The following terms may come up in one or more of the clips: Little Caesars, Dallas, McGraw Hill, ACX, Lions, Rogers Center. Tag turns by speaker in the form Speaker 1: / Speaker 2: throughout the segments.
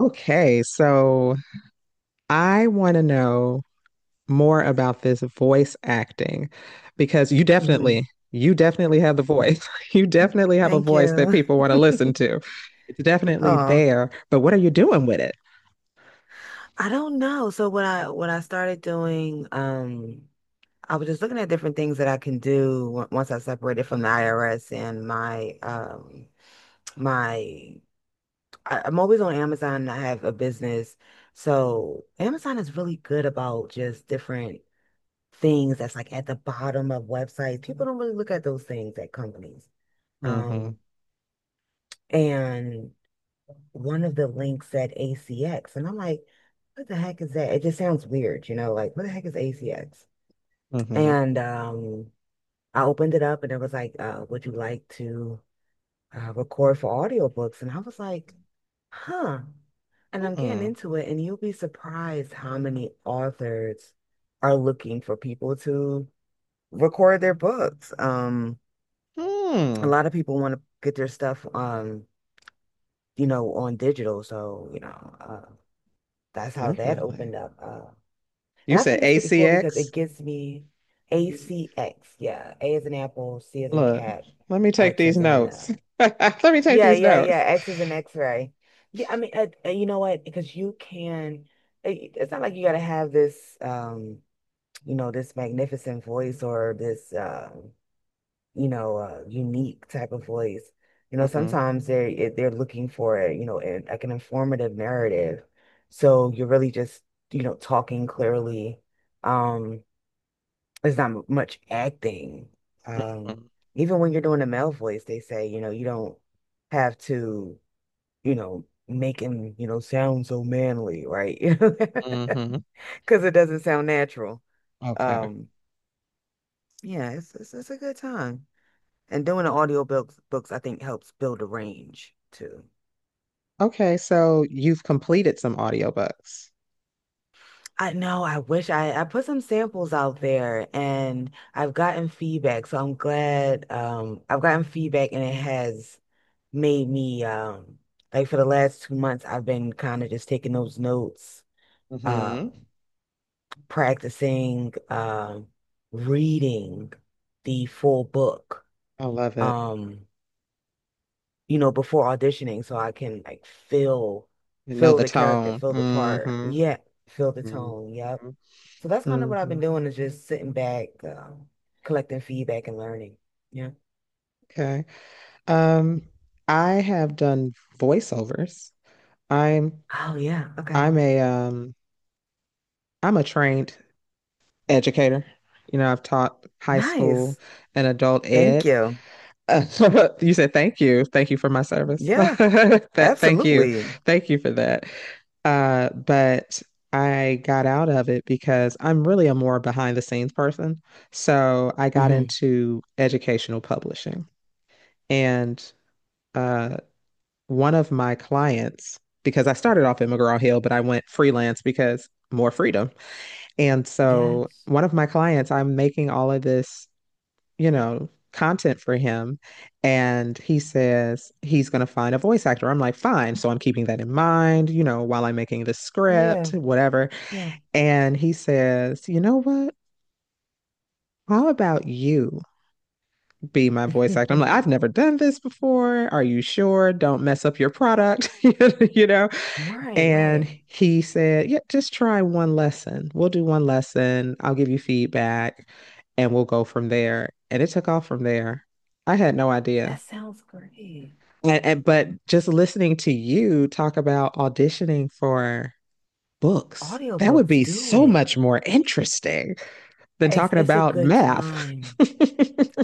Speaker 1: Okay, so I want to know more about this voice acting because you
Speaker 2: Hmm.
Speaker 1: definitely, you definitely have the voice. You definitely have a
Speaker 2: Thank
Speaker 1: voice that
Speaker 2: you.
Speaker 1: people want to listen to. It's definitely
Speaker 2: Oh,
Speaker 1: there, but what are you doing with it?
Speaker 2: I don't know. So what I started doing, I was just looking at different things that I can do once I separated from the IRS and my I'm always on Amazon, and I have a business, so Amazon is really good about just different things that's like at the bottom of websites. People don't really look at those things at companies.
Speaker 1: Mm-hmm.
Speaker 2: Um, and one of the links said ACX, and I'm like, what the heck is that? It just sounds weird, like what the heck is ACX?
Speaker 1: Hmm.
Speaker 2: And I opened it up, and it was like, would you like to, record for audiobooks? And I was like, huh. And I'm getting
Speaker 1: Hmm.
Speaker 2: into it, and you'll be surprised how many authors are looking for people to record their books. A
Speaker 1: Hmm.
Speaker 2: lot of people want to get their stuff, on digital, so, that's how that
Speaker 1: Definitely.
Speaker 2: opened up.
Speaker 1: You
Speaker 2: And I
Speaker 1: said
Speaker 2: think it's pretty cool because
Speaker 1: ACX?
Speaker 2: it gives me
Speaker 1: He's-
Speaker 2: ACX. Yeah, A as in Apple, C as in
Speaker 1: Look,
Speaker 2: Cat,
Speaker 1: let me take
Speaker 2: X
Speaker 1: these
Speaker 2: as in,
Speaker 1: notes. Let me take
Speaker 2: yeah,
Speaker 1: these
Speaker 2: yeah,
Speaker 1: notes.
Speaker 2: yeah, X as in X-ray. Yeah, I mean, you know what, because you can, it's not like you got to have this, this magnificent voice, or this, unique type of voice. You know,
Speaker 1: hmm
Speaker 2: sometimes they're, looking for, an, like an informative narrative. So you're really just, talking clearly. Um, there's not much acting. Um, even when you're doing a male voice, they say, you don't have to, make him, sound so manly, right? You know,
Speaker 1: hmm hmm
Speaker 2: because it doesn't sound natural.
Speaker 1: Okay.
Speaker 2: Um, yeah, it's a good time. And doing the audio books, I think helps build a range too.
Speaker 1: Okay, so you've completed some audiobooks.
Speaker 2: I know. I wish I put some samples out there, and I've gotten feedback. So I'm glad, I've gotten feedback, and it has made me, like, for the last 2 months, I've been kind of just taking those notes, uh,
Speaker 1: Hmm.
Speaker 2: practicing, reading the full book.
Speaker 1: I love it.
Speaker 2: Um before auditioning, so I can, like, feel
Speaker 1: You know
Speaker 2: feel
Speaker 1: the
Speaker 2: the character,
Speaker 1: tone.
Speaker 2: feel the part.
Speaker 1: hmm
Speaker 2: Yeah, feel the tone.
Speaker 1: hmm
Speaker 2: Yep. So that's kind of what I've been
Speaker 1: hmm
Speaker 2: doing, is just sitting back, collecting feedback and learning. Yeah.
Speaker 1: Okay. Um, I have done voiceovers. I'm
Speaker 2: Oh yeah. Okay.
Speaker 1: I'm a um I'm a trained educator. You know, I've taught high school
Speaker 2: Nice.
Speaker 1: and adult
Speaker 2: Thank
Speaker 1: ed.
Speaker 2: you.
Speaker 1: Uh, you said thank you. Thank you for my service.
Speaker 2: Yeah,
Speaker 1: That thank you.
Speaker 2: absolutely.
Speaker 1: Thank you for that. But I got out of it because I'm really a more behind the scenes person. So I got
Speaker 2: Hmm.
Speaker 1: into educational publishing. And uh, one of my clients, because I started off at McGraw Hill, but I went freelance because more freedom. And so
Speaker 2: Yes.
Speaker 1: one of my clients, I'm making all of this content for him. And he says he's going to find a voice actor. I'm like, fine. So I'm keeping that in mind, while I'm making the
Speaker 2: Yeah.
Speaker 1: script, whatever.
Speaker 2: Yeah.
Speaker 1: And he says, you know what? How about you be my voice actor? I'm like, I've never done this before. Are you sure? Don't mess up your product, you know?
Speaker 2: Right,
Speaker 1: And
Speaker 2: right.
Speaker 1: he said, Yeah, just try one lesson. We'll do one lesson. I'll give you feedback and we'll go from there. And it took off from there. I had no idea.
Speaker 2: That sounds great.
Speaker 1: And but just listening to you talk about auditioning for books, that would
Speaker 2: Audiobooks,
Speaker 1: be
Speaker 2: do
Speaker 1: so
Speaker 2: it.
Speaker 1: much more interesting than
Speaker 2: It's
Speaker 1: talking
Speaker 2: it's a
Speaker 1: about
Speaker 2: good
Speaker 1: math.
Speaker 2: time.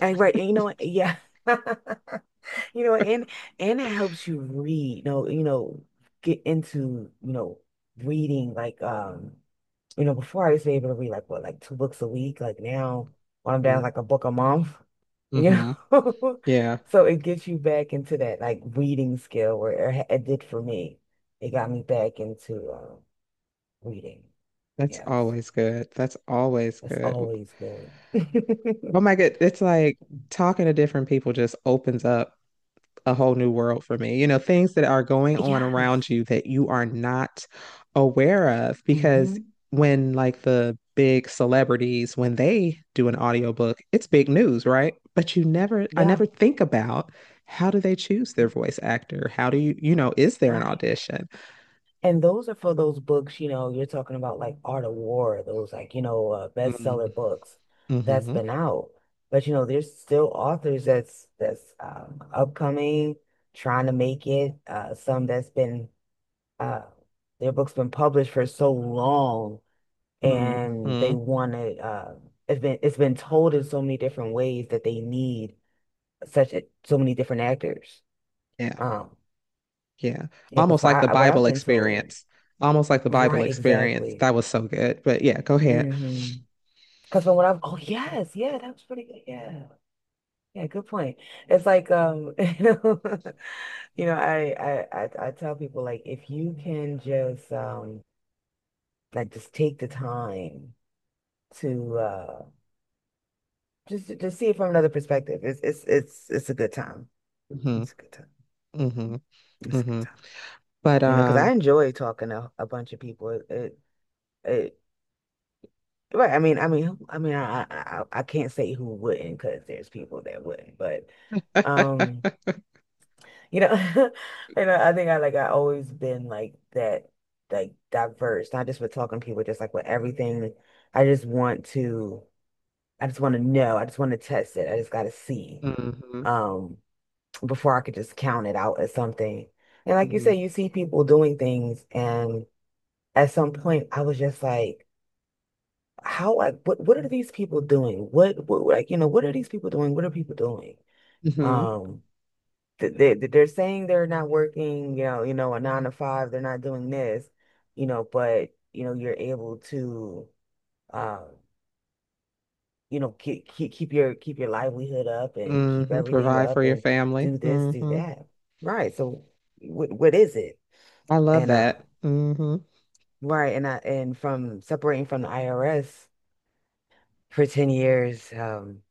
Speaker 2: Right. And you know what? Yeah. You know, and and it helps you read, get into, reading, like, before I used to be able to read, like, what, like two books a week. Like now, when I'm down like a book a month, you
Speaker 1: Mm-hmm.
Speaker 2: know.
Speaker 1: Yeah,
Speaker 2: So it gets you back into that, like, reading skill, where it did for me. It got me back into, reading.
Speaker 1: that's
Speaker 2: Yes.
Speaker 1: always good. That's always
Speaker 2: That's
Speaker 1: good.
Speaker 2: always good.
Speaker 1: Oh my God, it's like talking to different people just opens up a whole new world for me. You know, things that are going on around
Speaker 2: Yes.
Speaker 1: you that you are not aware of because
Speaker 2: Hmm.
Speaker 1: when like the big celebrities when they do an audiobook, it's big news, right? But you never I
Speaker 2: Yeah.
Speaker 1: never think about how do they choose their voice actor? How do you, is there an
Speaker 2: Right.
Speaker 1: audition?
Speaker 2: And those are for those books, you're talking about, like, Art of War, those, like,
Speaker 1: Mm,
Speaker 2: bestseller books that's
Speaker 1: mhm,
Speaker 2: been out. But, there's still authors that's, upcoming, trying to make it. Some that's been, uh, their books been published for so long, and they
Speaker 1: mhm.
Speaker 2: want to. It's been told in so many different ways that they need such a, so many different actors.
Speaker 1: Yeah.
Speaker 2: Um,
Speaker 1: Yeah.
Speaker 2: yeah, because
Speaker 1: Almost like the
Speaker 2: what I've
Speaker 1: Bible
Speaker 2: been told,
Speaker 1: experience. Almost like the Bible
Speaker 2: right?
Speaker 1: experience.
Speaker 2: Exactly.
Speaker 1: That was so good. But yeah, go ahead.
Speaker 2: Mm-hmm. Because when I have, oh yes, yeah, that was pretty good. Yeah. Yeah, good point. It's like, I tell people, like, if you can just, like, just take the time to, just to see it from another perspective. It's a good time.
Speaker 1: hmm
Speaker 2: It's a good time.
Speaker 1: hmm
Speaker 2: It's a good
Speaker 1: hmm
Speaker 2: time.
Speaker 1: But
Speaker 2: Because I enjoy talking to a bunch of people. It right. I mean, I can't say who wouldn't, because there's people that wouldn't, but. Um, You know, I think, I always been like that, like, diverse, not just with talking to people, just like with everything. I just want to, I just want to know. I just want to test it. I just got to see,
Speaker 1: hmm
Speaker 2: um, before I could just count it out as something. And like you
Speaker 1: hmm
Speaker 2: say, you see people doing things, and at some point, I was just like, how, like, what, are these people doing? What, like, you know, what are these people doing? What are people doing?
Speaker 1: hmm
Speaker 2: Um, they're saying they're not working, a nine to five, they're not doing this, but, you're able to, uh, keep your livelihood up, and keep
Speaker 1: hmm
Speaker 2: everything
Speaker 1: Provide
Speaker 2: up,
Speaker 1: for your
Speaker 2: and
Speaker 1: family.
Speaker 2: do this, do
Speaker 1: Hmm.
Speaker 2: that. Right. So what is it?
Speaker 1: I love
Speaker 2: And,
Speaker 1: that. Hmm.
Speaker 2: right, and I and from separating from the IRS for 10 years,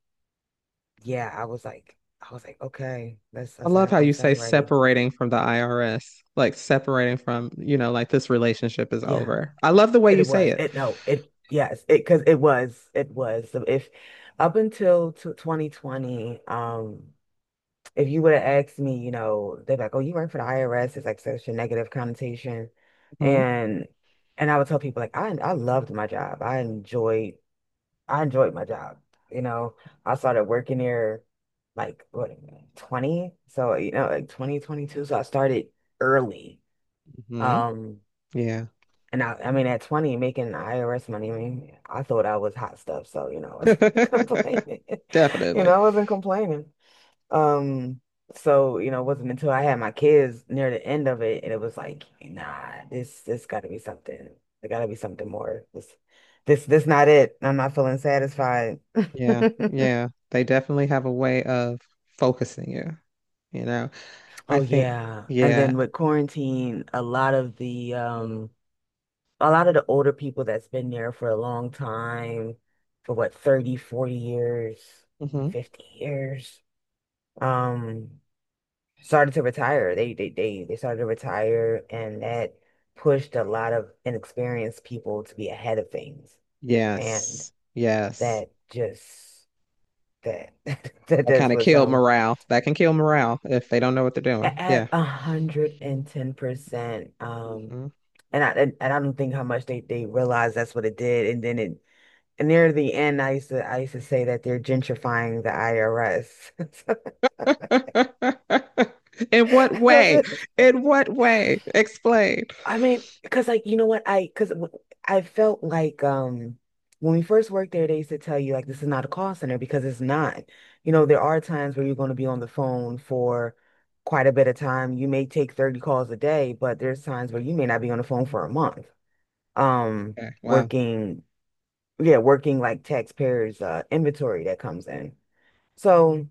Speaker 2: yeah, I was like, okay, that's I
Speaker 1: I love
Speaker 2: said,
Speaker 1: how you say
Speaker 2: I'm ready.
Speaker 1: separating from the IRS, like separating from, like this relationship is
Speaker 2: Yeah.
Speaker 1: over. I love the way you
Speaker 2: It
Speaker 1: say
Speaker 2: was.
Speaker 1: it.
Speaker 2: It, no. It, yes. It, because it was. It was. So if up until, t 2020, if you would have asked me, they're like, "Oh, you work for the IRS." It's like such a negative connotation,
Speaker 1: hmm
Speaker 2: and, I would tell people, like, I loved my job. I enjoyed. I enjoyed my job. You know, I started working there, like, what, 20? So, like 2022. So I started early.
Speaker 1: hmm
Speaker 2: Um.
Speaker 1: Yeah.
Speaker 2: And, I mean, at 20, making IRS money, I mean, I thought I was hot stuff. So, I wasn't complaining.
Speaker 1: Definitely.
Speaker 2: I wasn't complaining. Um, so, it wasn't until I had my kids near the end of it, and it was like, nah, this gotta be something. There gotta be something more. This not it. I'm not feeling satisfied.
Speaker 1: Yeah. Yeah. They definitely have a way of focusing you. You know, I
Speaker 2: Oh
Speaker 1: think,
Speaker 2: yeah. And
Speaker 1: yeah.
Speaker 2: then with quarantine, a lot of the a lot of the older people that's been there for a long time, for what, 30, 40 years,
Speaker 1: Hmm.
Speaker 2: 50 years, um, started to retire. They started to retire, and that pushed a lot of inexperienced people to be ahead of things. And
Speaker 1: Yes. Yes.
Speaker 2: that just that that
Speaker 1: That
Speaker 2: this
Speaker 1: kind of
Speaker 2: was,
Speaker 1: killed morale. That can kill morale if they don't know what they're doing. Yeah.
Speaker 2: at 110%,
Speaker 1: Hmm.
Speaker 2: and I don't think how much they realized that's what it did, and then it. And near the end, I used to say that they're gentrifying the IRS. So,
Speaker 1: In what
Speaker 2: I
Speaker 1: way?
Speaker 2: said.
Speaker 1: In what way? Explain.
Speaker 2: I mean, because, like, you know what I because I felt like, when we first worked there, they used to tell you, like, this is not a call center, because it's not. There are times where you're going to be on the phone for quite a bit of time. You may take 30 calls a day, but there's times where you may not be on the phone for a month. Um,
Speaker 1: Okay. Wow.
Speaker 2: working, yeah, working like, taxpayers', inventory that comes in. So.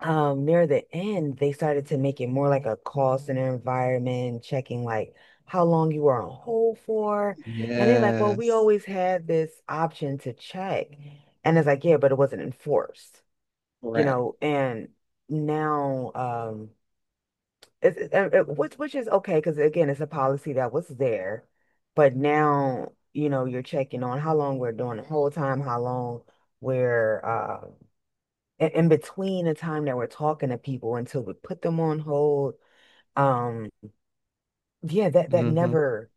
Speaker 2: Near the end, they started to make it more like a call center environment, checking like how long you were on hold for, and they like, well, we
Speaker 1: Yes.
Speaker 2: always had this option to check, and it's like, yeah, but it wasn't enforced,
Speaker 1: Correct.
Speaker 2: and now, it's it, it- it- which is okay, because, again, it's a policy that was there. But now, you're checking on how long we're doing the whole time, how long we're, in between the time that we're talking to people until we put them on hold. Um, yeah, that that
Speaker 1: Hmm.
Speaker 2: never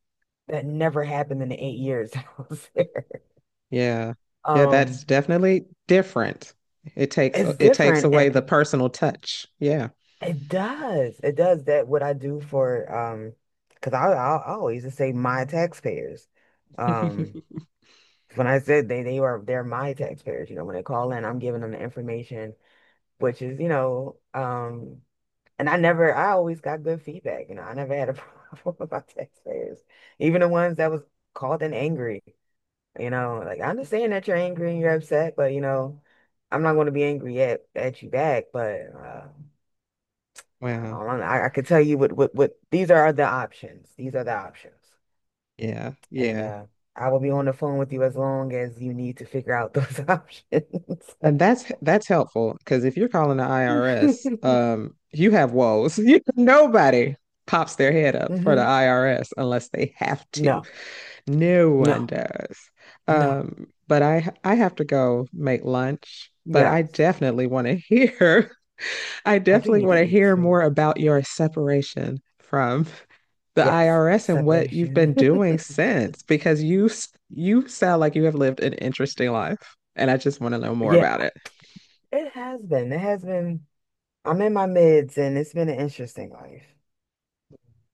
Speaker 2: that never happened in the 8 years I was there.
Speaker 1: Yeah. Yeah,
Speaker 2: Um,
Speaker 1: that's definitely different. It takes
Speaker 2: it's
Speaker 1: it takes
Speaker 2: different.
Speaker 1: away the
Speaker 2: It,
Speaker 1: personal touch. Yeah.
Speaker 2: it does. It does, that what I do for, because, I always just say my taxpayers. Um, when I said, they are they're my taxpayers. You know, when they call in, I'm giving them the information, which is, you know. And I never, I always got good feedback. I never had a problem with my taxpayers, even the ones that was called in angry. Like I understand that you're angry and you're upset, but, I'm not going to be angry at you back. But, I
Speaker 1: Wow.
Speaker 2: don't know. I could tell you what, these are the options. These are the options,
Speaker 1: Yeah.
Speaker 2: and,
Speaker 1: Yeah.
Speaker 2: I will be on the phone with you as long as you need to figure out those options.
Speaker 1: And that's helpful because if you're calling the IRS, you have woes. Nobody pops their head up for the
Speaker 2: Hmm.
Speaker 1: IRS unless they have to.
Speaker 2: No,
Speaker 1: No one
Speaker 2: no,
Speaker 1: does.
Speaker 2: no.
Speaker 1: But I have to go make lunch, but
Speaker 2: Yeah,
Speaker 1: I definitely want to hear I
Speaker 2: I do
Speaker 1: definitely
Speaker 2: need to
Speaker 1: want to
Speaker 2: eat
Speaker 1: hear
Speaker 2: too.
Speaker 1: more about your separation from the
Speaker 2: Yes,
Speaker 1: IRS and what you've
Speaker 2: separation.
Speaker 1: been doing since, because you sound like you have lived an interesting life, and I just want to know more
Speaker 2: Yeah,
Speaker 1: about it.
Speaker 2: it has been. It has been. I'm in my mids, and it's been an interesting life.